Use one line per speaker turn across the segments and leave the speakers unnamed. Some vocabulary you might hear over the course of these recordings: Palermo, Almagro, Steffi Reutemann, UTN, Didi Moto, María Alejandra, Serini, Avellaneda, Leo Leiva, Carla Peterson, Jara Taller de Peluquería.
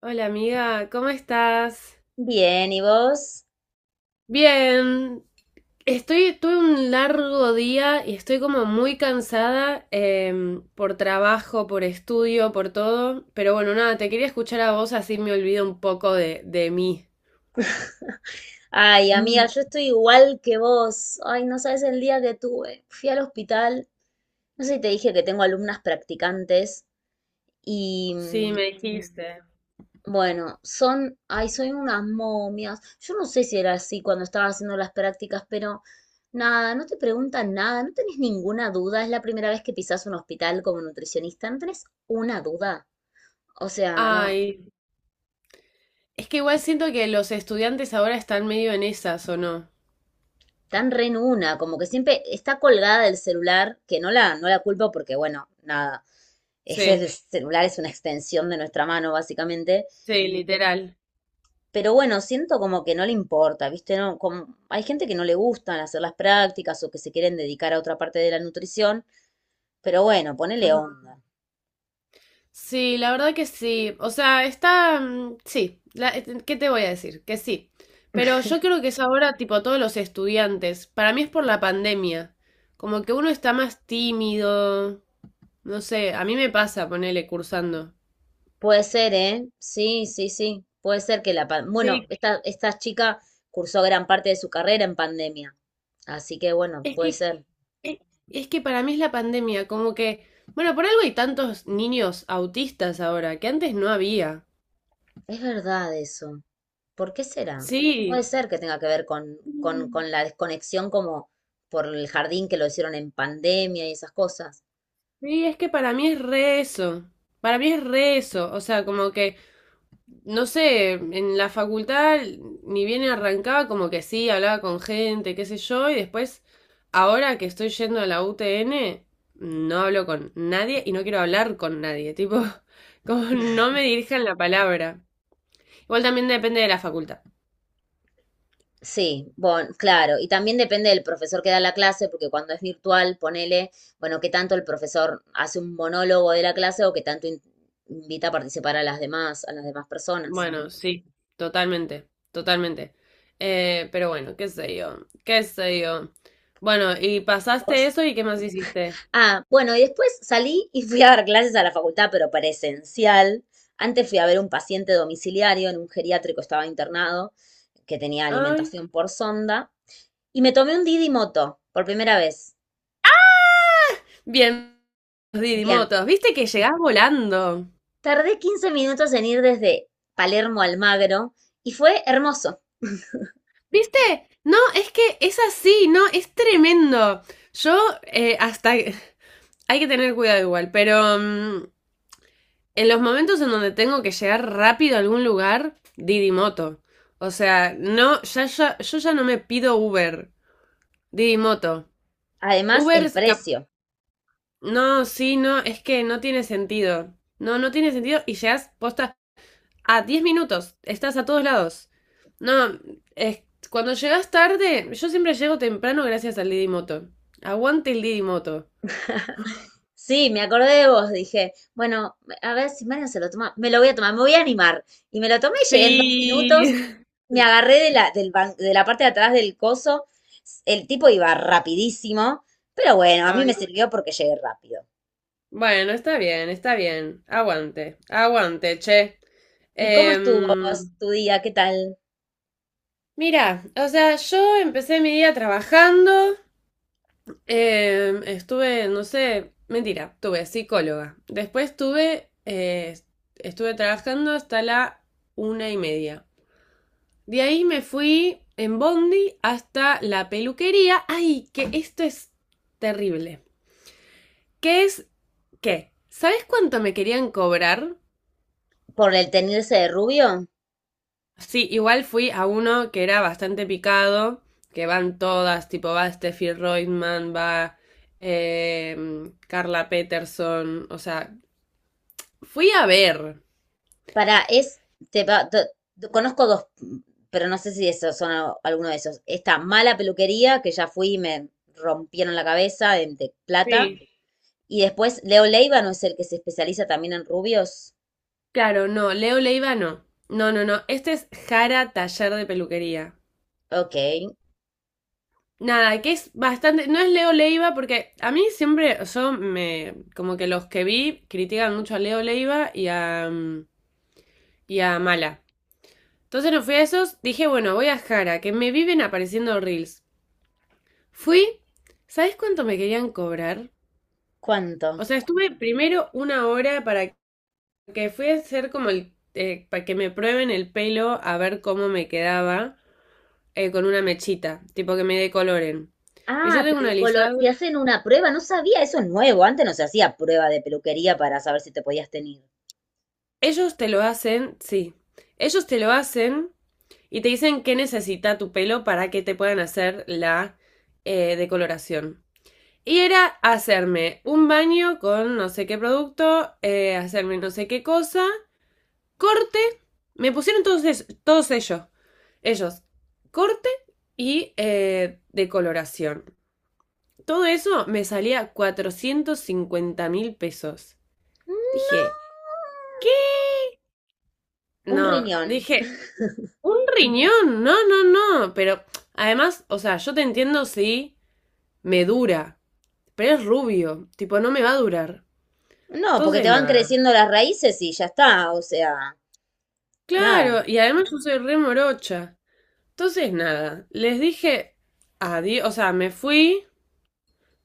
Hola amiga, ¿cómo estás?
Bien, ¿y vos?
Bien, estoy, tuve un largo día y estoy como muy cansada por trabajo, por estudio, por todo. Pero bueno, nada, te quería escuchar a vos así me olvido un poco de mí.
Ay, amiga,
Mm.
yo estoy igual que vos. Ay, no sabes el día que tuve. Fui al hospital. No sé si te dije que tengo alumnas practicantes. Y
Sí, me dijiste.
bueno, son, ay, son unas momias. Yo no sé si era así cuando estaba haciendo las prácticas, pero nada, no te preguntan nada, no tenés ninguna duda. Es la primera vez que pisás un hospital como nutricionista, no tenés una duda. O sea, no,
Ay, es que igual siento que los estudiantes ahora están medio en esas, ¿o no?
tan re en una, como que siempre está colgada del celular, que no la culpo porque, bueno, nada, ese el
Sí,
celular es una extensión de nuestra mano, básicamente.
sí, literal.
Pero bueno, siento como que no le importa, ¿viste? No, como, hay gente que no le gustan hacer las prácticas o que se quieren dedicar a otra parte de la nutrición, pero bueno, ponele onda.
Sí, la verdad que sí. O sea, está, sí, ¿qué te voy a decir? Que sí. Pero yo creo que es ahora tipo todos los estudiantes. Para mí es por la pandemia. Como que uno está más tímido. No sé, a mí me pasa ponerle cursando.
Puede ser, ¿eh? Sí, sí, sí. Puede ser que la... Bueno,
Sí,
esta chica cursó gran parte de su carrera en pandemia. Así que bueno,
es
puede
que,
ser.
es, es que para mí es la pandemia. Como que... Bueno, por algo hay tantos niños autistas ahora, que antes no había.
Es verdad eso. ¿Por qué será?
Sí.
Puede ser que tenga que ver con, con,
Mm,
con la desconexión como por el jardín que lo hicieron en pandemia y esas cosas.
sí, es que para mí es re eso. Para mí es re eso. O sea, como que... No sé, en la facultad ni bien arrancaba como que sí, hablaba con gente, qué sé yo, y después, ahora que estoy yendo a la UTN, no hablo con nadie y no quiero hablar con nadie, tipo, como no me dirijan la palabra. Igual también depende de la facultad.
Sí, bueno, claro, y también depende del profesor que da la clase, porque cuando es virtual, ponele, bueno, qué tanto el profesor hace un monólogo de la clase o qué tanto invita a participar a las demás personas.
Bueno, sí, totalmente, totalmente. Pero bueno, qué sé yo, qué sé yo. Bueno, y pasaste
¿Vos
eso y ¿qué más hiciste?
Ah, bueno, y después salí y fui a dar clases a la facultad, pero presencial. Antes fui a ver un paciente domiciliario en un geriátrico, estaba internado, que tenía
Ay,
alimentación por sonda, y me tomé un Didi Moto por primera vez.
bien, Didi
Bien,
Motos, viste que llegás volando.
tardé 15 minutos en ir desde Palermo a Almagro y fue hermoso.
¿Viste? No, es que es así, no, es tremendo. Yo hasta... Hay que tener cuidado igual, pero en los momentos en donde tengo que llegar rápido a algún lugar, Didi Moto. O sea, no, yo ya no me pido Uber, Didi Moto.
Además,
Uber,
el
es cap-
precio.
no, sí, no, es que no tiene sentido. No, no tiene sentido y llegas posta. A 10 minutos, estás a todos lados. No, es, cuando llegas tarde, yo siempre llego temprano gracias al Didi Moto. Aguante el Didi Moto.
Sí, me acordé de vos, dije, bueno, a ver si Marian se lo toma, me lo voy a tomar, me voy a animar. Y me lo tomé y llegué en dos
Sí.
minutos me agarré de la, de la parte de atrás del coso. El tipo iba rapidísimo, pero bueno, a mí
Ay,
me sirvió porque llegué rápido.
bueno, está bien, está bien. Aguante, aguante, che.
¿Y cómo estuvo
Em,
vos, tu día? ¿Qué tal?
mira, o sea, yo empecé mi día trabajando. Estuve, no sé, mentira, tuve psicóloga. Después tuve, estuve trabajando hasta la 1:30. De ahí me fui en Bondi hasta la peluquería. Ay, que esto es terrible. ¿Qué es qué? ¿Sabes cuánto me querían cobrar?
¿Por el tenerse de rubio?
Sí, igual fui a uno que era bastante picado, que van todas, tipo va Steffi Reutemann, va eh, Carla Peterson, o sea, fui a ver.
Para, es, te, va- te- te- conozco dos, pero no sé si esos son alguno de esos. Esta mala peluquería, que ya fui y me rompieron la cabeza de plata.
Sí.
Y después, Leo Leiva, ¿no es el que se especializa también en rubios?
Claro, no, Leo Leiva no. No, no, no, este es Jara Taller de Peluquería.
Ok,
Nada, que es bastante. No es Leo Leiva, porque a mí siempre. Yo me. Como que los que vi critican mucho a Leo Leiva y a. Y a Mala. Entonces no fui a esos. Dije, bueno, voy a Jara, que me viven apareciendo reels. Fui. ¿Sabes cuánto me querían cobrar?
¿cuánto?
O sea, estuve primero una hora para que fui a hacer como el. Para que me prueben el pelo a ver cómo me quedaba con una mechita. Tipo que me decoloren. Y yo
Ah,
tengo un alisado.
te hacen una prueba, no sabía, eso es nuevo, antes no se hacía prueba de peluquería para saber si te podías tener.
Ellos te lo hacen, sí. Ellos te lo hacen y te dicen qué necesita tu pelo para que te puedan hacer la decoloración. Y era hacerme un baño con no sé qué producto, hacerme no sé qué cosa, corte. Me pusieron todos ellos. Ellos, corte y decoloración. Todo eso me salía 450.000 pesos.
No.
Dije, ¿qué?
Un
No,
riñón.
dije, un riñón, no, no, no. Pero además, o sea, yo te entiendo si me dura, pero es rubio, tipo, no me va a durar.
No, porque te
Entonces,
van
nada.
creciendo las raíces y ya está, o sea, nada.
Claro, y además yo soy re morocha. Entonces, nada. Les dije adiós, o sea, me fui.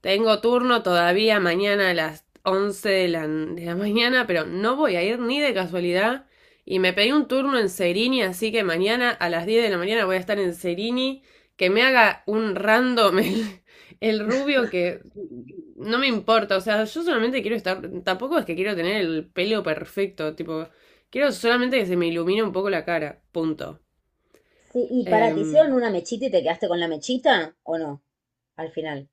Tengo turno todavía mañana a las 11 de la mañana, pero no voy a ir ni de casualidad. Y me pedí un turno en Serini, así que mañana a las 10 de la mañana voy a estar en Serini. Que me haga un random el rubio que no me importa. O sea, yo solamente quiero estar. Tampoco es que quiero tener el pelo perfecto. Tipo, quiero solamente que se me ilumine un poco la cara. Punto.
Sí, y para, ¿te hicieron
Em,
una mechita y te quedaste con la mechita o no? Al final.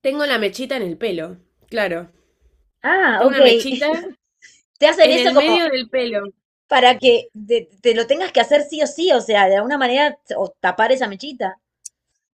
tengo la mechita en el pelo. Claro.
Ah,
Tengo
ok.
una mechita
Te hacen
en
eso
el
como
medio del pelo.
para que te lo tengas que hacer sí o sí, o sea, de alguna manera o tapar esa mechita.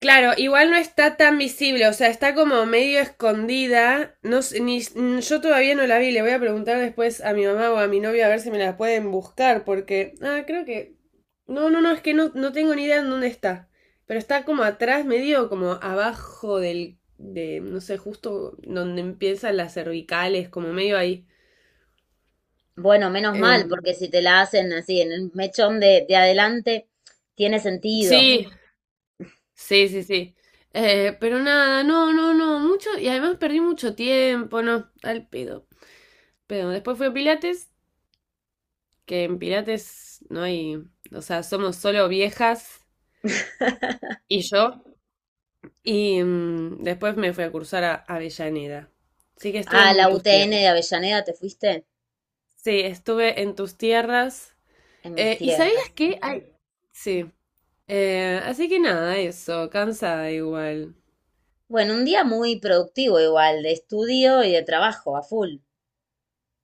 Claro, igual no está tan visible, o sea, está como medio escondida. No, sé, ni, n- yo todavía no la vi, le voy a preguntar después a mi mamá o a mi novio a ver si me la pueden buscar, porque. Ah, creo que. No, no, no, es que no, no tengo ni idea en dónde está. Pero está como atrás, medio como abajo del. De, no sé, justo donde empiezan las cervicales, como medio ahí.
Bueno, menos mal,
Em,
porque si te la hacen así en el mechón de adelante, tiene sentido.
sí, sí, sí, sí. Pero nada, no, no, no, mucho, y además perdí mucho tiempo, no, al pedo. Pero después fue Pilates, que en Pilates no hay, o sea, somos solo viejas y yo. Y después me fui a cursar a Avellaneda. Así que estuve
Ah, la
en tus
UTN
tierras.
de Avellaneda, ¿te fuiste?
Sí, estuve en tus tierras.
En mis
¿Y
tierras.
sabías que
Ujú.
hay? Sí. Así que nada, eso, cansada igual.
Bueno, un día muy productivo igual, de estudio y de trabajo, a full.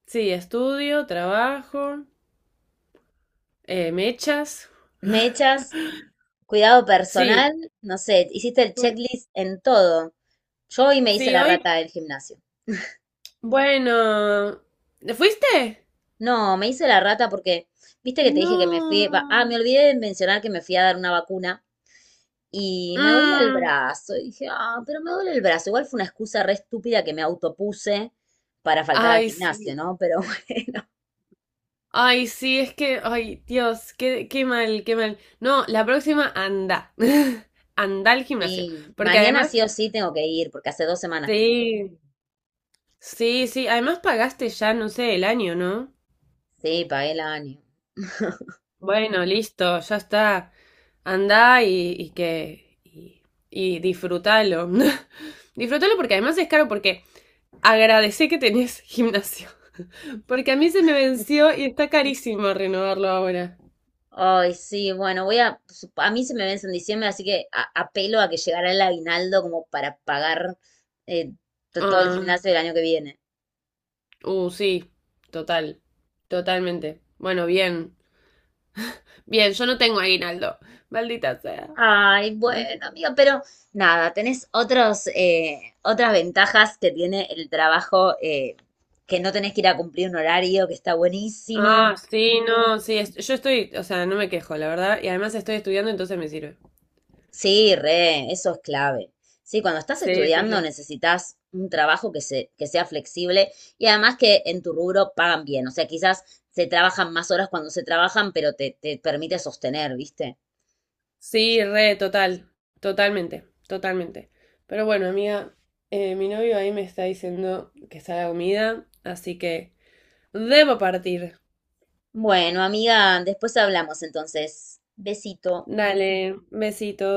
Sí, estudio, trabajo, mechas.
Mechas, cuidado
Sí,
personal, no sé, hiciste el
fui-
checklist en todo. Yo hoy me hice
sí,
la
hoy.
rata del gimnasio.
Bueno, ¿fuiste?
No, me hice la rata porque, viste que te dije que me fui, me
No.
olvidé de mencionar que me fui a dar una vacuna. Y me dolía el
Mm,
brazo. Y dije, ah, pero me duele el brazo. Igual fue una excusa re estúpida que me autopuse para faltar al
ay,
gimnasio,
sí.
¿no? Pero bueno,
Ay, sí, es que, ay, Dios, qué, qué mal, qué mal. No, la próxima anda. Anda al gimnasio.
sí.
Porque
Mañana
además,
sí o sí tengo que ir, porque hace 2 semanas que no voy.
sí, sí, sí. Además pagaste ya, no sé, el año, ¿no?
Sí, pagué el año.
Bueno, listo, ya está. Anda y que. Y disfrútalo. Disfrútalo porque además es caro, porque agradecé que tenés gimnasio. Porque a mí se me venció y está carísimo renovarlo ahora.
Ay, sí, bueno, a mí se me vence en diciembre, así que apelo a que llegará el aguinaldo como para pagar eh, todo el
Ah.
gimnasio del año que viene.
Sí, total, totalmente. Bueno, bien, bien, yo no tengo aguinaldo, maldita sea.
Ay, bueno,
Maldita.
amiga, pero nada, tenés otros, otras ventajas que tiene el trabajo, que no tenés que ir a cumplir un horario, que está buenísimo.
Ah, sí, no, sí, es- yo estoy, o sea, no me quejo, la verdad, y además estoy estudiando, entonces me sirve.
Sí, re, eso es clave. Sí, cuando estás
Sí, sí,
estudiando
sí.
necesitas un trabajo que que sea flexible y además que en tu rubro pagan bien. O sea, quizás se trabajan más horas cuando se trabajan, pero te permite sostener, ¿viste?
Sí, re, total, totalmente, totalmente. Pero bueno, amiga, mi novio ahí me está diciendo que está la comida, así que debo partir.
Bueno, amiga, después hablamos entonces. Besito.
Dale, besito.